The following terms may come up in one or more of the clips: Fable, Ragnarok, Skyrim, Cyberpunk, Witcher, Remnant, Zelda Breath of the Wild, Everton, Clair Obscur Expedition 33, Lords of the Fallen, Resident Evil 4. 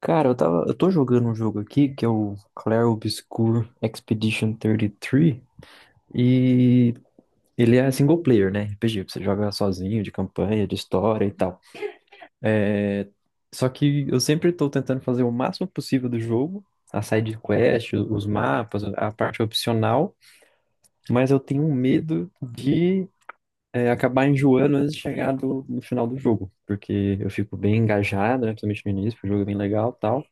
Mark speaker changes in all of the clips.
Speaker 1: Cara, eu tô jogando um jogo aqui que é o Clair Obscur Expedition 33 e três e ele é single player, né? RPG, você joga sozinho, de campanha, de história e tal. É, só que eu sempre tô tentando fazer o máximo possível do jogo, a side quest, os mapas, a parte opcional, mas eu tenho um medo de acabar enjoando antes de chegar no final do jogo, porque eu fico bem engajado, né? Principalmente no início, porque o jogo é bem legal e tal.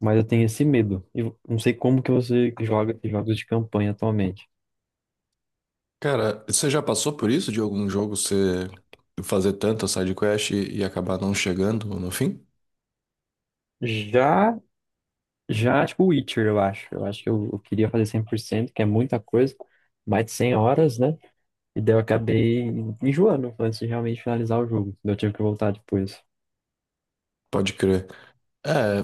Speaker 1: Mas eu tenho esse medo. Eu não sei como que você joga jogos de campanha atualmente.
Speaker 2: Cara, você já passou por isso de algum jogo você fazer tanta side quest e acabar não chegando no fim?
Speaker 1: Já, já, tipo, Witcher, eu acho. Eu acho que eu queria fazer 100%, que é muita coisa, mais de 100 horas, né? E daí eu acabei enjoando antes de realmente finalizar o jogo. Daí eu tive que voltar depois.
Speaker 2: Pode crer. É,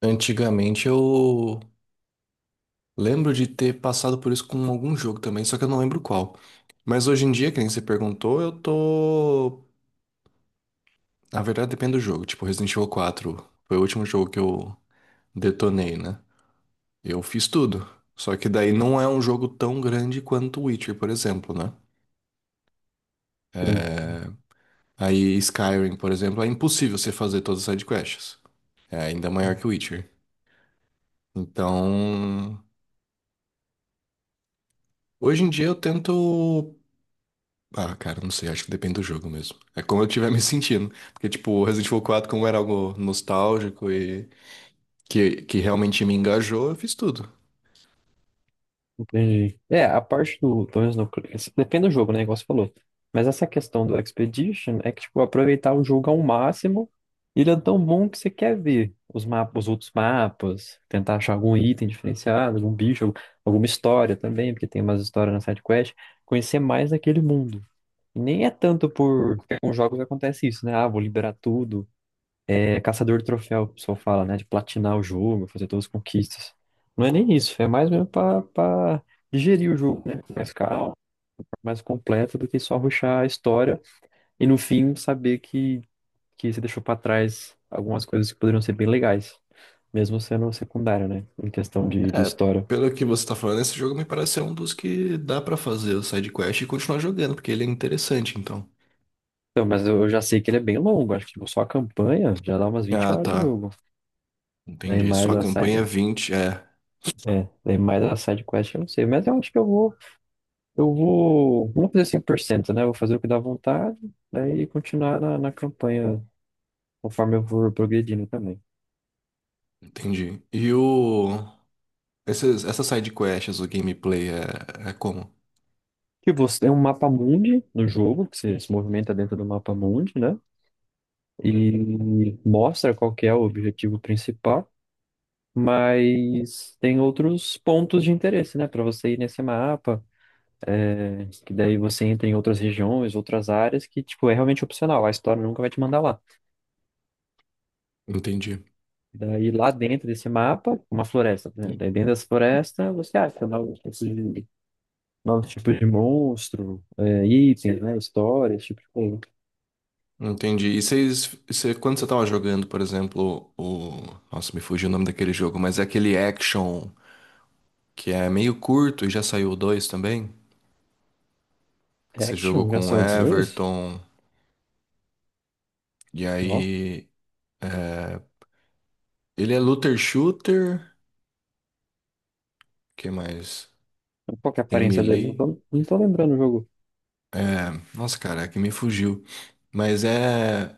Speaker 2: antigamente eu lembro de ter passado por isso com algum jogo também, só que eu não lembro qual. Mas hoje em dia, que nem você perguntou, eu tô. Na verdade, depende do jogo. Tipo, Resident Evil 4 foi o último jogo que eu detonei, né? Eu fiz tudo. Só que daí não é um jogo tão grande quanto o Witcher, por exemplo, né?
Speaker 1: Sim.
Speaker 2: Aí Skyrim, por exemplo, é impossível você fazer todas as sidequests. É ainda maior que Witcher. Então, hoje em dia eu tento. Ah, cara, não sei, acho que depende do jogo mesmo. É como eu estiver me sentindo. Porque, tipo, o Resident Evil quatro, como era algo nostálgico e que realmente me engajou, eu fiz tudo.
Speaker 1: Entendi. É, a parte do, pelo menos no, isso depende do jogo, né, igual você falou. Mas essa questão do Expedition é que, tipo, aproveitar o jogo ao máximo, ele é tão bom que você quer ver os mapas, os outros mapas, tentar achar algum item diferenciado, algum bicho, alguma história também, porque tem umas histórias na side quest, conhecer mais daquele mundo. E nem é tanto porque com jogos acontece isso, né? Ah, vou liberar tudo, é caçador de troféu, o pessoal fala, né? De platinar o jogo, fazer todas as conquistas. Não é nem isso, é mais mesmo pra digerir o jogo, né? Com mais calmo, mais completo do que só rushar a história e no fim saber que você deixou pra trás algumas coisas que poderiam ser bem legais, mesmo sendo secundário, né? Em questão de
Speaker 2: É,
Speaker 1: história.
Speaker 2: pelo que você tá falando, esse jogo me parece ser um dos que dá pra fazer o sidequest e continuar jogando, porque ele é interessante, então.
Speaker 1: Então, mas eu já sei que ele é bem longo, acho que tipo, só a campanha já dá umas vinte
Speaker 2: Ah,
Speaker 1: horas de
Speaker 2: tá.
Speaker 1: jogo. Daí
Speaker 2: Entendi. Só
Speaker 1: mais
Speaker 2: a
Speaker 1: a
Speaker 2: campanha é
Speaker 1: side.
Speaker 2: 20, é.
Speaker 1: É, daí mais a side quest eu não sei, mas eu acho que eu vou. Eu vou, não vou fazer 100%, né? Vou fazer o que dá vontade, daí continuar na campanha conforme eu for progredindo também.
Speaker 2: Entendi. E o. Essas side quests, o gameplay é como?
Speaker 1: Que você tem um mapa mundi no jogo, que você se movimenta dentro do mapa mundi, né? E mostra qual que é o objetivo principal, mas tem outros pontos de interesse, né? Para você ir nesse mapa, é, que daí você entra em outras regiões, outras áreas, que, tipo, é realmente opcional. A história nunca vai te mandar lá.
Speaker 2: Entendi.
Speaker 1: Daí lá dentro desse mapa, uma floresta, por exemplo.
Speaker 2: Hum.
Speaker 1: Daí dentro dessa floresta você acha novos tipos de monstro, é, itens, né? Histórias, tipo de coisa.
Speaker 2: Entendi. E vocês, você- quando você tava jogando, por exemplo, o. Nossa, me fugiu o nome daquele jogo, mas é aquele action que é meio curto e já saiu o 2 também. Que você jogou
Speaker 1: Reaction já
Speaker 2: com o
Speaker 1: saiu dois?
Speaker 2: Everton. E
Speaker 1: Não.
Speaker 2: aí. É, ele é looter shooter. Que mais?
Speaker 1: Qual que é a
Speaker 2: Tem
Speaker 1: aparência dele?
Speaker 2: melee.
Speaker 1: Não tô lembrando o jogo.
Speaker 2: É, nossa, cara, é que me fugiu. Mas é.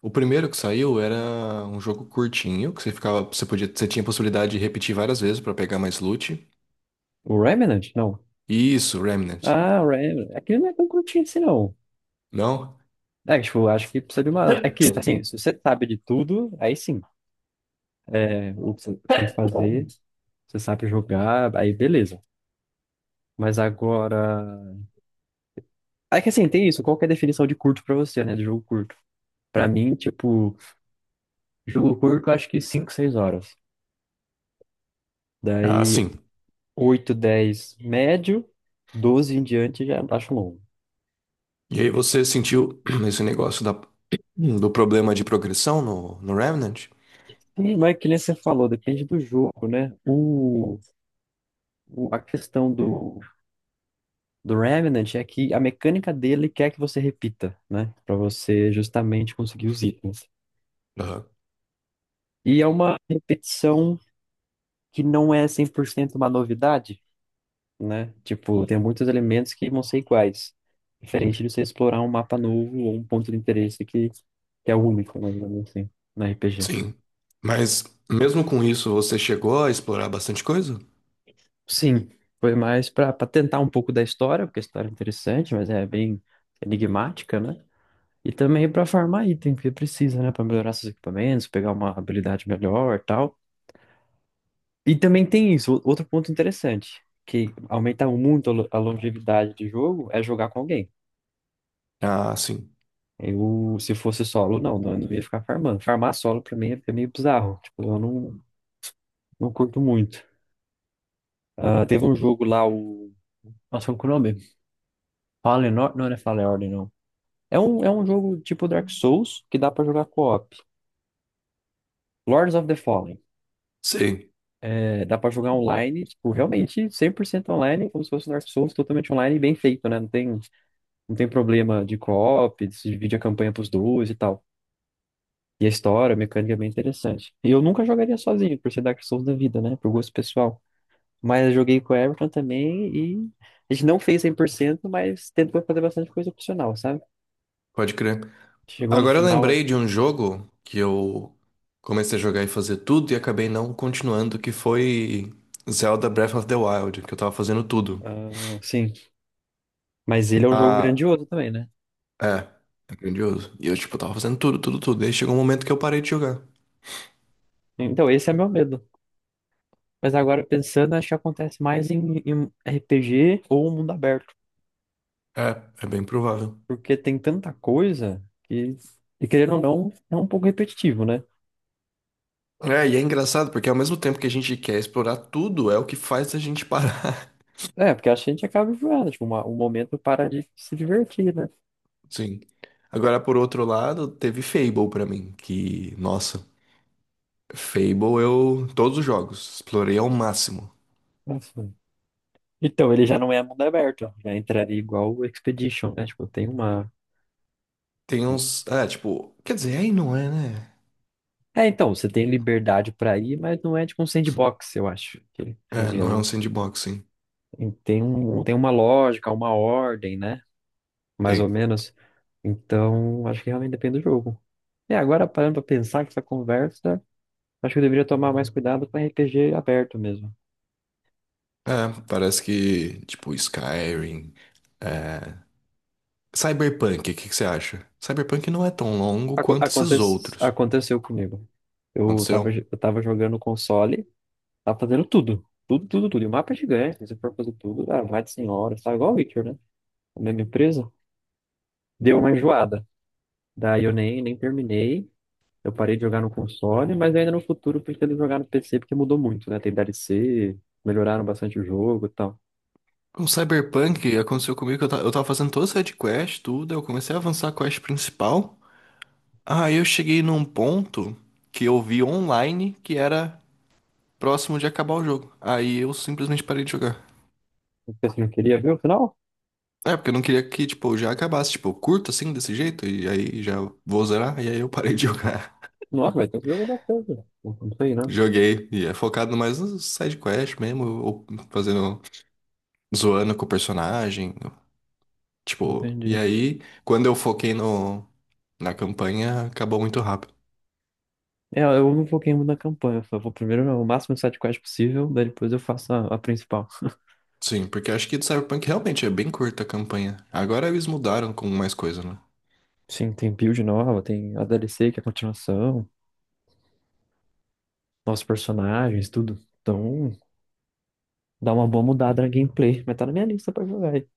Speaker 2: O primeiro que saiu era um jogo curtinho, que você ficava, você podia, você tinha a possibilidade de repetir várias vezes pra pegar mais loot.
Speaker 1: O Remnant? Não.
Speaker 2: Isso, Remnant.
Speaker 1: Ah, o Remnant. Aquele não é tão curtinho assim, não.
Speaker 2: Não?
Speaker 1: É, tipo, acho que precisa de uma. É que, assim, se você sabe de tudo, aí sim. É, o que você tem que fazer, você sabe jogar, aí beleza. Mas agora. É que assim, tem isso. Qual que é a definição de curto pra você, né? De jogo curto. Pra mim, tipo, jogo curto, eu acho que cinco, seis horas.
Speaker 2: Ah,
Speaker 1: Daí,
Speaker 2: sim.
Speaker 1: 8, 10, médio. Doze em diante, já acho longo.
Speaker 2: E aí você sentiu esse negócio da, do problema de progressão no, no Remnant?
Speaker 1: Sim, mas que nem você falou, depende do jogo, né? A questão do Remnant é que a mecânica dele quer que você repita, né? Pra você justamente conseguir os itens.
Speaker 2: Aham.
Speaker 1: E é uma repetição que não é 100% uma novidade, né? Tipo, tem muitos elementos que vão ser iguais. Diferente de você explorar um mapa novo ou um ponto de interesse que é único, né? Digamos assim, na RPG.
Speaker 2: Sim. Mas mesmo com isso, você chegou a explorar bastante coisa?
Speaker 1: Sim, foi mais para tentar um pouco da história, porque a história é interessante, mas é bem enigmática, né? E também para farmar item, porque precisa, né? Para melhorar seus equipamentos, pegar uma habilidade melhor e tal. E também tem isso, outro ponto interessante, que aumenta muito a a longevidade de jogo, é jogar com alguém.
Speaker 2: Ah, sim.
Speaker 1: Eu, se fosse solo, eu não ia ficar farmando. Farmar solo pra mim é meio bizarro. Tipo, eu não, não curto muito. Ah, teve um jogo lá, o. Nossa, qual que é o nome? Não, não é Fallen Order, não. É é um jogo tipo Dark Souls que dá pra jogar co-op. Lords of the Fallen.
Speaker 2: Sei.
Speaker 1: É, dá pra jogar online, tipo, realmente 100% online, como se fosse um Dark Souls totalmente online e bem feito, né? Não tem problema de co-op, se divide a campanha pros dois e tal. E a história, a mecânica é bem interessante. E eu nunca jogaria sozinho, por ser Dark Souls da vida, né? Por gosto pessoal. Mas eu joguei com o Everton também e a gente não fez 100%, mas tentou fazer bastante coisa opcional, sabe?
Speaker 2: Pode crer.
Speaker 1: Chegou no
Speaker 2: Agora eu
Speaker 1: final,
Speaker 2: lembrei de um jogo que eu comecei a jogar e fazer tudo e acabei não continuando, que foi Zelda Breath of the Wild, que eu tava fazendo tudo.
Speaker 1: ah, sim. Mas ele é um jogo
Speaker 2: Ah,
Speaker 1: grandioso também, né?
Speaker 2: é, é grandioso. E eu, tipo, tava fazendo tudo, tudo, tudo. E aí chegou um momento que eu parei de jogar.
Speaker 1: Então, esse é meu medo. Mas agora, pensando, acho que acontece mais em RPG ou mundo aberto.
Speaker 2: É, é bem provável.
Speaker 1: Porque tem tanta coisa que, e querendo ou não, é um pouco repetitivo, né?
Speaker 2: É, e é engraçado, porque ao mesmo tempo que a gente quer explorar tudo, é o que faz a gente parar.
Speaker 1: É, porque acho que a gente acaba enjoando, tipo, um momento para de se divertir, né?
Speaker 2: Sim. Agora, por outro lado, teve Fable pra mim, que, nossa, Fable eu, todos os jogos, explorei ao máximo.
Speaker 1: Assim. Então, ele já não é mundo aberto, já entraria igual o Expedition, né? Tipo, tem uma.
Speaker 2: Tem uns. É, tipo. Quer dizer, aí não é, né?
Speaker 1: É, então, você tem liberdade pra ir, mas não é tipo um sandbox, eu acho. Que
Speaker 2: É,
Speaker 1: seria
Speaker 2: não é um
Speaker 1: o...
Speaker 2: sandbox, sim.
Speaker 1: tem um... tem uma lógica, uma ordem, né? Mais ou
Speaker 2: Tem.
Speaker 1: menos. Então, acho que realmente depende do jogo. E agora, parando pra pensar que essa conversa, acho que eu deveria tomar mais cuidado com RPG aberto mesmo.
Speaker 2: É, parece que. Tipo, Skyrim. É... Cyberpunk, o que que você acha? Cyberpunk não é tão longo
Speaker 1: Aco-
Speaker 2: quanto
Speaker 1: aconte-
Speaker 2: esses outros.
Speaker 1: Aconteceu comigo.
Speaker 2: Aconteceu?
Speaker 1: Eu tava jogando console. Tá fazendo tudo. Tudo, tudo, tudo. E o mapa é gigante, né? Se você for fazer tudo, dá mais de 100 horas. Tá igual o Witcher, né? A mesma empresa. Deu uma enjoada. Daí eu nem terminei. Eu parei de jogar no console, mas ainda no futuro eu pretendo jogar no PC, porque mudou muito, né? Tem DLC, melhoraram bastante o jogo e tal.
Speaker 2: Com Cyberpunk, aconteceu comigo que eu, ta- eu tava fazendo toda essa quest, tudo. Eu comecei a avançar a quest principal. Aí eu cheguei num ponto que eu vi online que era próximo de acabar o jogo. Aí eu simplesmente parei de jogar.
Speaker 1: Você não queria ver o final?
Speaker 2: É, porque eu não queria que, tipo, já acabasse, tipo, curto assim, desse jeito, e aí já vou zerar, e aí eu parei de jogar.
Speaker 1: Nossa, vai ter um jogo bastante. Não sei, né?
Speaker 2: Joguei, e é focado mais no side quest mesmo, ou fazendo, zoando com o personagem, tipo, e
Speaker 1: Entendi.
Speaker 2: aí, quando eu foquei no, na campanha, acabou muito rápido.
Speaker 1: É, eu não foquei muito na campanha, eu só vou primeiro o máximo de sidequest possível, daí depois eu faço a principal.
Speaker 2: Sim, porque acho que do Cyberpunk realmente é bem curta a campanha. Agora eles mudaram com mais coisa, né?
Speaker 1: Sim, tem build nova, tem a DLC que é a continuação. Novos personagens, tudo. Então, dá uma boa mudada na gameplay. Mas tá na minha lista pra jogar. Aí.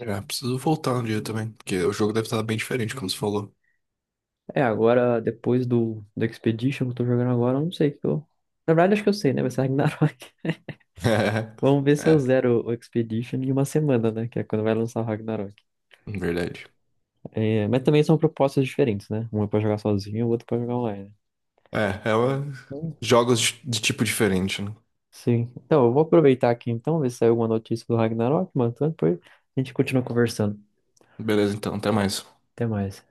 Speaker 2: É, preciso voltar um dia também, porque o jogo deve estar bem diferente, como você falou.
Speaker 1: É, agora, depois do Expedition que eu tô jogando agora, eu não sei o que eu. Na verdade, acho que eu sei, né? Vai ser Ragnarok. Vamos ver se
Speaker 2: É,
Speaker 1: eu
Speaker 2: é,
Speaker 1: zero o Expedition em uma semana, né? Que é quando vai lançar o Ragnarok.
Speaker 2: verdade.
Speaker 1: É, mas também são propostas diferentes, né? Um é pra jogar sozinho, o outro pra jogar online.
Speaker 2: É, ela
Speaker 1: Hum.
Speaker 2: jogos de tipo diferente, né?
Speaker 1: Sim. Então, eu vou aproveitar aqui então, ver se saiu alguma notícia do Ragnarok, mano. Então, depois a gente continua conversando.
Speaker 2: Beleza, então, até mais.
Speaker 1: Até mais.